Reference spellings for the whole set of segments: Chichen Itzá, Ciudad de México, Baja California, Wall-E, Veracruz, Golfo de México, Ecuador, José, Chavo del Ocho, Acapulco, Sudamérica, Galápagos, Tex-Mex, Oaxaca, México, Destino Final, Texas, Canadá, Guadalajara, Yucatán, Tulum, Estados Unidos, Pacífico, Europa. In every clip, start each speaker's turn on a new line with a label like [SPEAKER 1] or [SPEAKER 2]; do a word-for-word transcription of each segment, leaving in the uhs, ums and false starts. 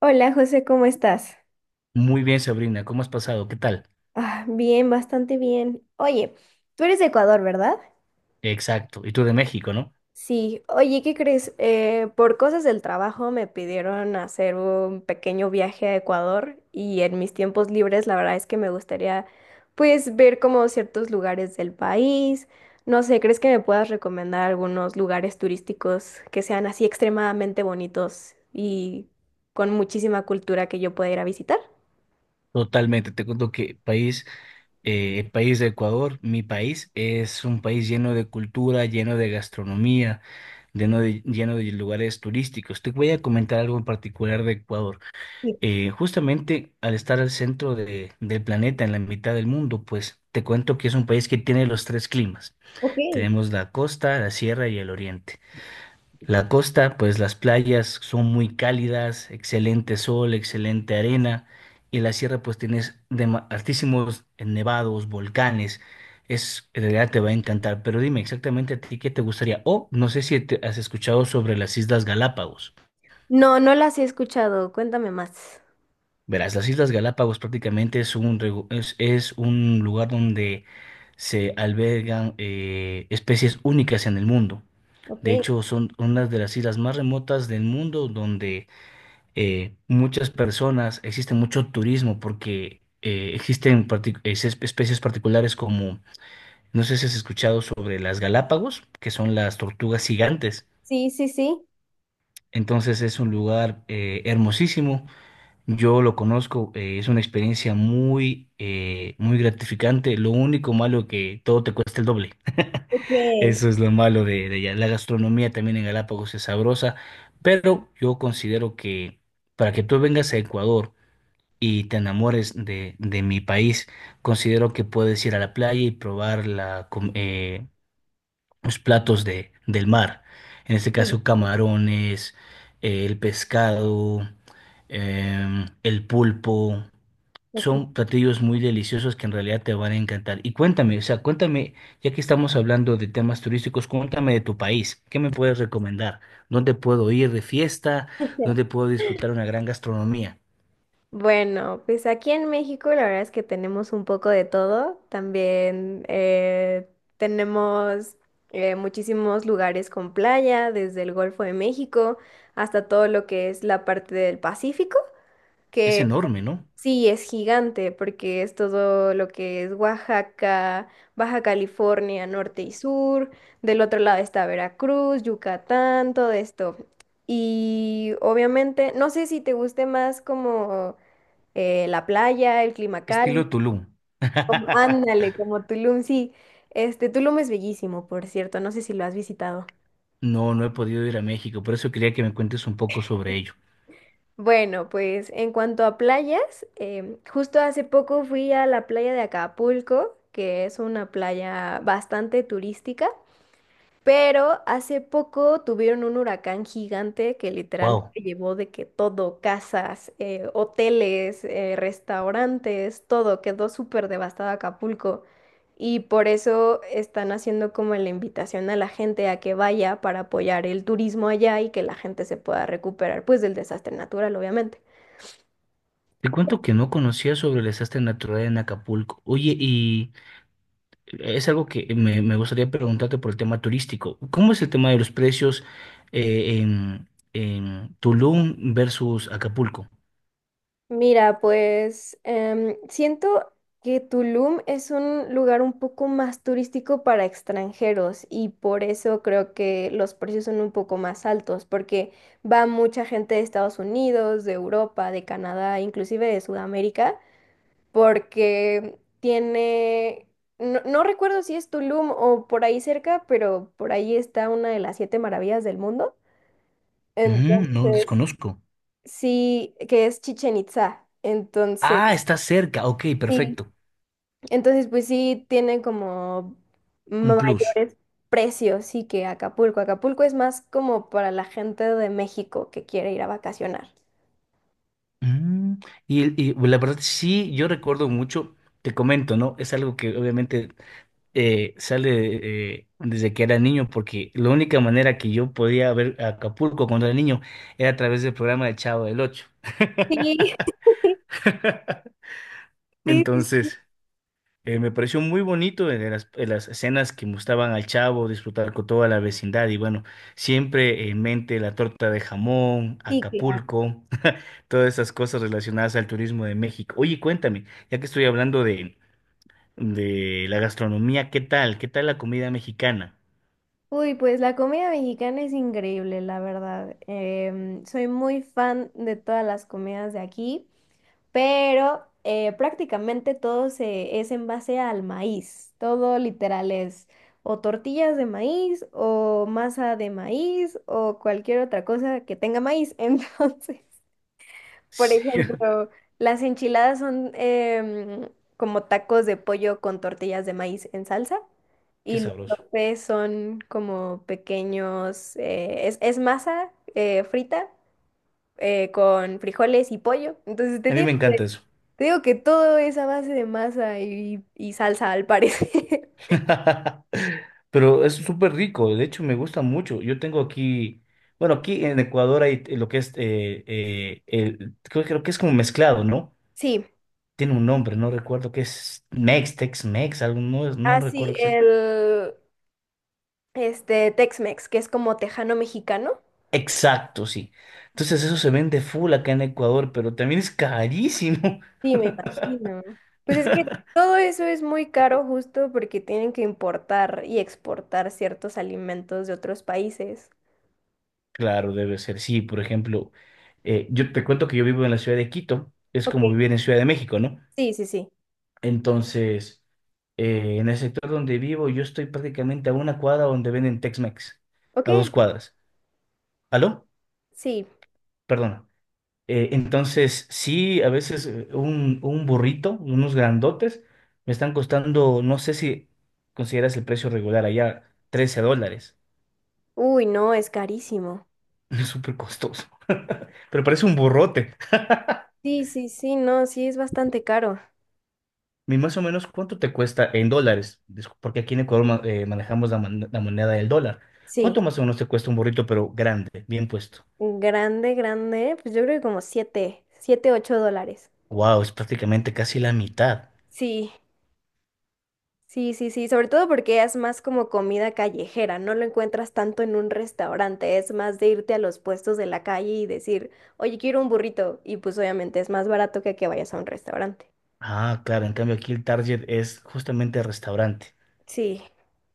[SPEAKER 1] Hola José, ¿cómo estás?
[SPEAKER 2] Muy bien, Sabrina, ¿cómo has pasado? ¿Qué tal?
[SPEAKER 1] Ah, bien, bastante bien. Oye, tú eres de Ecuador, ¿verdad?
[SPEAKER 2] Exacto. Y tú de México, ¿no?
[SPEAKER 1] Sí, oye, ¿qué crees? Eh, por cosas del trabajo me pidieron hacer un pequeño viaje a Ecuador y en mis tiempos libres la verdad es que me gustaría pues ver como ciertos lugares del país. No sé, ¿crees que me puedas recomendar algunos lugares turísticos que sean así extremadamente bonitos y con muchísima cultura que yo pueda ir a visitar?
[SPEAKER 2] Totalmente. Te cuento que país, eh, el país de Ecuador, mi país, es un país lleno de cultura, lleno de gastronomía, lleno de, lleno de lugares turísticos. Te voy a comentar algo en particular de Ecuador.
[SPEAKER 1] Sí,
[SPEAKER 2] Eh, justamente al estar al centro de- del planeta, en la mitad del mundo, pues te cuento que es un país que tiene los tres climas.
[SPEAKER 1] ok.
[SPEAKER 2] Tenemos la costa, la sierra y el oriente. La costa, pues las playas son muy cálidas, excelente sol, excelente arena, y la sierra pues tienes dema- altísimos eh, nevados, volcanes, es, en realidad te va a encantar, pero dime exactamente a ti qué te gustaría, o no sé si te has escuchado sobre las Islas Galápagos.
[SPEAKER 1] No, no las he escuchado. Cuéntame más.
[SPEAKER 2] Verás, las Islas Galápagos prácticamente es un, regu- es, es un lugar donde se albergan eh, especies únicas en el mundo.
[SPEAKER 1] Ok,
[SPEAKER 2] De hecho, son unas de las islas más remotas del mundo donde eh, muchas personas, existe mucho turismo porque eh, existen partic- es- especies particulares como, no sé si has escuchado sobre las Galápagos, que son las tortugas gigantes.
[SPEAKER 1] sí, sí, sí.
[SPEAKER 2] Entonces es un lugar eh, hermosísimo. Yo lo conozco, eh, es una experiencia muy, eh, muy gratificante. Lo único malo que todo te cuesta el doble.
[SPEAKER 1] Ok,
[SPEAKER 2] Eso es lo malo de, de allá. La gastronomía también en Galápagos es sabrosa, pero yo considero que para que tú vengas a Ecuador, y te enamores de, de mi país. Considero que puedes ir a la playa y probar la, com- eh, los platos de, del mar. En este
[SPEAKER 1] sí,
[SPEAKER 2] caso, camarones, eh, el pescado, em, el pulpo. Son
[SPEAKER 1] ok.
[SPEAKER 2] platillos muy deliciosos que en realidad te van a encantar. Y cuéntame, o sea, cuéntame, ya que estamos hablando de temas turísticos, cuéntame de tu país. ¿Qué me puedes recomendar? ¿Dónde puedo ir de fiesta? ¿Dónde puedo disfrutar una gran gastronomía?
[SPEAKER 1] Bueno, pues aquí en México la verdad es que tenemos un poco de todo. También eh, tenemos eh, muchísimos lugares con playa, desde el Golfo de México hasta todo lo que es la parte del Pacífico,
[SPEAKER 2] Es
[SPEAKER 1] que
[SPEAKER 2] enorme, ¿no?
[SPEAKER 1] sí, es gigante porque es todo lo que es Oaxaca, Baja California, norte y sur. Del otro lado está Veracruz, Yucatán, todo esto. Y obviamente, no sé si te guste más como eh, la playa, el clima
[SPEAKER 2] Estilo
[SPEAKER 1] cálido.
[SPEAKER 2] Tulum.
[SPEAKER 1] Ándale, como Tulum, sí. Este, Tulum es bellísimo, por cierto. No sé si lo has visitado.
[SPEAKER 2] No, no he podido ir a México, por eso quería que me cuentes un poco sobre ello.
[SPEAKER 1] Bueno, pues en cuanto a playas, em, justo hace poco fui a la playa de Acapulco, que es una playa bastante turística, pero hace poco tuvieron un huracán gigante que literal
[SPEAKER 2] Wow.
[SPEAKER 1] se llevó de que todo, casas, eh, hoteles, eh, restaurantes, todo, quedó súper devastado Acapulco. Y por eso están haciendo como la invitación a la gente a que vaya para apoyar el turismo allá y que la gente se pueda recuperar, pues del desastre natural, obviamente.
[SPEAKER 2] Te cuento que no conocía sobre el desastre natural en Acapulco. Oye, y es algo que me, me gustaría preguntarte por el tema turístico. ¿Cómo es el tema de los precios eh, en, en Tulum versus Acapulco?
[SPEAKER 1] Mira, pues em, siento que Tulum es un lugar un poco más turístico para extranjeros y por eso creo que los precios son un poco más altos, porque va mucha gente de Estados Unidos, de Europa, de Canadá, inclusive de Sudamérica, porque tiene, no, no recuerdo si es Tulum o por ahí cerca, pero por ahí está una de las siete maravillas del mundo.
[SPEAKER 2] Mm, no
[SPEAKER 1] Entonces,
[SPEAKER 2] desconozco.
[SPEAKER 1] sí, que es Chichen Itzá. Entonces...
[SPEAKER 2] Ah, está cerca. Ok,
[SPEAKER 1] Sí,
[SPEAKER 2] perfecto.
[SPEAKER 1] entonces, pues sí, tiene como
[SPEAKER 2] Un plus.
[SPEAKER 1] mayores precios, sí, que Acapulco. Acapulco es más como para la gente de México que quiere ir a vacacionar.
[SPEAKER 2] Mm, y, y la verdad, sí, yo recuerdo mucho, te comento, ¿no? Es algo que obviamente eh, sale eh, desde que era niño, porque la única manera que yo podía ver Acapulco cuando era niño era a través del programa de Chavo del Ocho.
[SPEAKER 1] Sí, sí, sí,
[SPEAKER 2] Entonces, eh, me pareció muy bonito en las, en las escenas que mostraban al Chavo, disfrutar con toda la vecindad y bueno, siempre en mente la torta de jamón,
[SPEAKER 1] sí, claro.
[SPEAKER 2] Acapulco, todas esas cosas relacionadas al turismo de México. Oye, cuéntame, ya que estoy hablando de, de la gastronomía, ¿qué tal? ¿Qué tal la comida mexicana?
[SPEAKER 1] Uy, pues la comida mexicana es increíble, la verdad. Em, soy muy fan de todas las comidas de aquí. Pero eh, prácticamente todo se, es en base al maíz. Todo literal es o tortillas de maíz o masa de maíz o cualquier otra cosa que tenga maíz. Entonces, por ejemplo, las enchiladas son em, como tacos de pollo con tortillas de maíz en salsa.
[SPEAKER 2] Qué
[SPEAKER 1] Y los
[SPEAKER 2] sabroso.
[SPEAKER 1] sopes son como pequeños, eh, es, es masa eh, frita eh, con frijoles y pollo. Entonces te
[SPEAKER 2] A mí me encanta eso.
[SPEAKER 1] te digo que todo es a base de masa y, y salsa, al parecer.
[SPEAKER 2] Pero es súper rico, de hecho me gusta mucho. Yo tengo aquí, bueno, aquí en Ecuador hay eh, lo que es, eh, eh, el, creo, creo que es como mezclado, ¿no?
[SPEAKER 1] Sí.
[SPEAKER 2] Tiene un nombre, no recuerdo qué es, Mex, Tex-Mex, algo, no, es- no
[SPEAKER 1] Ah,
[SPEAKER 2] recuerdo
[SPEAKER 1] sí,
[SPEAKER 2] exacto.
[SPEAKER 1] el este Tex-Mex, que es como tejano mexicano.
[SPEAKER 2] Exacto, sí. Entonces eso se vende full acá en Ecuador, pero también es carísimo.
[SPEAKER 1] Sí, me imagino. Pues es que todo eso es muy caro justo porque tienen que importar y exportar ciertos alimentos de otros países.
[SPEAKER 2] Claro, debe ser, sí. Por ejemplo, eh, yo te cuento que yo vivo en la ciudad de Quito, es
[SPEAKER 1] Ok,
[SPEAKER 2] como vivir en Ciudad de México, ¿no?
[SPEAKER 1] sí, sí, sí.
[SPEAKER 2] Entonces, eh, en el sector donde vivo, yo estoy prácticamente a una cuadra donde venden Tex-Mex,
[SPEAKER 1] Ok,
[SPEAKER 2] a dos cuadras. ¿Aló?
[SPEAKER 1] sí.
[SPEAKER 2] Perdona. Eh, entonces, sí, a veces eh, un, un burrito, unos grandotes, me están costando, no sé si consideras el precio regular allá, trece dólares.
[SPEAKER 1] Uy, no, es carísimo.
[SPEAKER 2] Es súper costoso, pero parece un burrote.
[SPEAKER 1] Sí, sí, sí, no, sí es bastante caro.
[SPEAKER 2] ¿Y más o menos cuánto te cuesta en dólares? Discu- Porque aquí en Ecuador ma- eh, manejamos la, mon- la moneda del dólar. ¿Cuánto
[SPEAKER 1] Sí.
[SPEAKER 2] más o menos te cuesta un burrito, pero grande, bien puesto?
[SPEAKER 1] Grande, grande, pues yo creo que como siete, siete, ocho dólares.
[SPEAKER 2] Wow, es prácticamente casi la mitad.
[SPEAKER 1] Sí, sí, sí, sí, sobre todo porque es más como comida callejera, no lo encuentras tanto en un restaurante, es más de irte a los puestos de la calle y decir, oye, quiero un burrito, y pues obviamente es más barato que que vayas a un restaurante.
[SPEAKER 2] Ah, claro, en cambio aquí el target es justamente el restaurante.
[SPEAKER 1] Sí,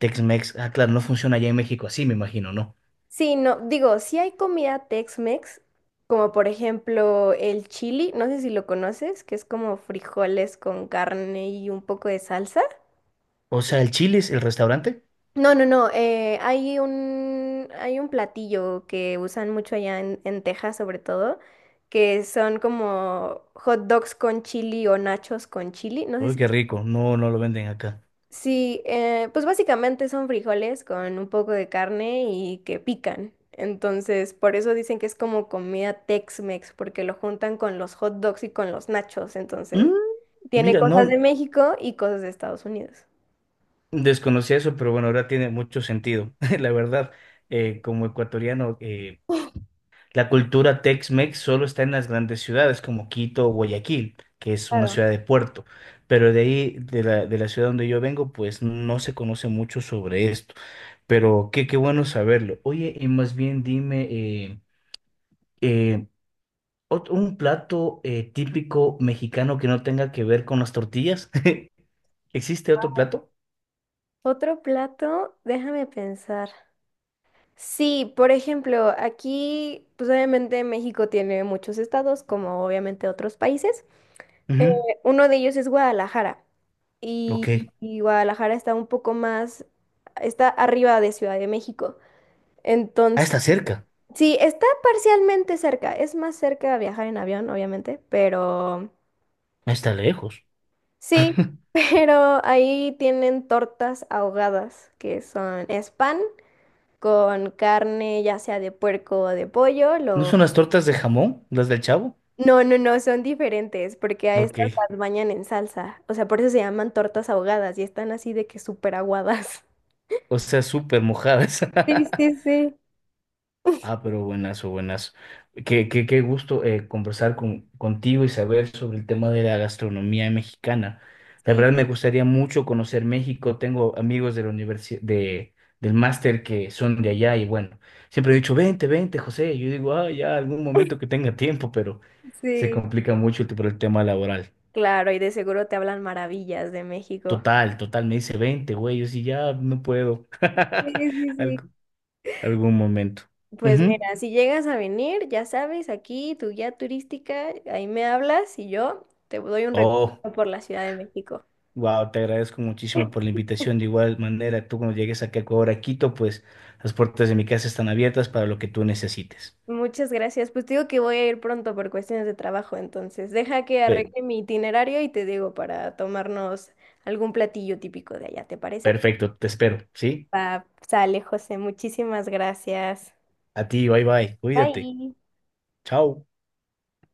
[SPEAKER 2] Tex-Mex, ah, claro, no funciona allá en México así, me imagino, ¿no?
[SPEAKER 1] sí, no, digo, sí hay comida Tex-Mex, como por ejemplo el chili, no sé si lo conoces, que es como frijoles con carne y un poco de salsa.
[SPEAKER 2] O sea, el chile es el restaurante.
[SPEAKER 1] No, no, no. Eh, hay un, hay un platillo que usan mucho allá en, en Texas, sobre todo, que son como hot dogs con chili o nachos con chili. No sé
[SPEAKER 2] Uy,
[SPEAKER 1] si...
[SPEAKER 2] qué rico, no, no lo venden acá.
[SPEAKER 1] Sí, eh, pues básicamente son frijoles con un poco de carne y que pican. Entonces, por eso dicen que es como comida Tex-Mex, porque lo juntan con los hot dogs y con los nachos. Entonces,
[SPEAKER 2] Mm,
[SPEAKER 1] tiene
[SPEAKER 2] Mira, no
[SPEAKER 1] cosas de México y cosas de Estados Unidos.
[SPEAKER 2] desconocía eso, pero bueno, ahora tiene mucho sentido. La verdad, eh, como ecuatoriano, eh, La cultura Tex-Mex solo está en las grandes ciudades como Quito o Guayaquil, que es una
[SPEAKER 1] Claro.
[SPEAKER 2] ciudad de puerto, pero de ahí, de la, de la ciudad donde yo vengo, pues no se conoce mucho sobre esto, pero qué, qué bueno saberlo. Oye, y más bien dime, eh, eh, ot- ¿un plato eh, típico mexicano que no tenga que ver con las tortillas? ¿Existe otro plato?
[SPEAKER 1] Otro plato, déjame pensar. Sí, por ejemplo, aquí, pues obviamente México tiene muchos estados, como obviamente otros países. Eh,
[SPEAKER 2] Ujú,
[SPEAKER 1] Uno de ellos es Guadalajara
[SPEAKER 2] Ok.
[SPEAKER 1] y, y Guadalajara está un poco más, está arriba de Ciudad de México.
[SPEAKER 2] Ah,
[SPEAKER 1] Entonces,
[SPEAKER 2] está cerca,
[SPEAKER 1] sí, está parcialmente cerca, es más cerca viajar en avión, obviamente, pero
[SPEAKER 2] ah, está lejos.
[SPEAKER 1] sí, pero ahí tienen tortas ahogadas, que son, es pan con carne, ya sea de puerco o de pollo,
[SPEAKER 2] ¿No
[SPEAKER 1] lo
[SPEAKER 2] son las tortas de jamón, las del Chavo?
[SPEAKER 1] no, no, no, son diferentes, porque a
[SPEAKER 2] Ok.
[SPEAKER 1] estas las bañan en salsa. O sea, por eso se llaman tortas ahogadas y están así de que súper aguadas.
[SPEAKER 2] O sea, súper mojadas.
[SPEAKER 1] Sí, sí, sí,
[SPEAKER 2] Ah, pero buenazo, buenazo. Qué, qué, qué gusto eh, conversar con, contigo y saber sobre el tema de la gastronomía mexicana. La
[SPEAKER 1] sí.
[SPEAKER 2] verdad me gustaría mucho conocer México. Tengo amigos de la universidad, de, del máster que son de allá y bueno, siempre he dicho, vente, vente, José. Yo digo, ah, ya algún momento que tenga tiempo, pero se
[SPEAKER 1] Sí,
[SPEAKER 2] complica mucho el- por el tema laboral.
[SPEAKER 1] claro, y de seguro te hablan maravillas de México.
[SPEAKER 2] Total, total, me dice veinte, güey, yo sí ya no puedo.
[SPEAKER 1] Sí, sí, sí.
[SPEAKER 2] Alg- Algún momento.
[SPEAKER 1] Pues
[SPEAKER 2] Ujú.
[SPEAKER 1] mira, si llegas a venir, ya sabes, aquí tu guía turística, ahí me hablas y yo te doy un recorrido
[SPEAKER 2] Oh,
[SPEAKER 1] por la Ciudad de México.
[SPEAKER 2] wow, te agradezco muchísimo por la invitación. De igual manera, tú cuando llegues aquí a Ecuador, a Quito, pues las puertas de mi casa están abiertas para lo que tú necesites.
[SPEAKER 1] Muchas gracias. Pues te digo que voy a ir pronto por cuestiones de trabajo, entonces deja que
[SPEAKER 2] Pe-
[SPEAKER 1] arregle mi itinerario y te digo para tomarnos algún platillo típico de allá, ¿te parece?
[SPEAKER 2] Perfecto, te espero, ¿sí?
[SPEAKER 1] Va, sale, José. Muchísimas gracias.
[SPEAKER 2] A ti, bye bye, cuídate.
[SPEAKER 1] Bye.
[SPEAKER 2] Chao.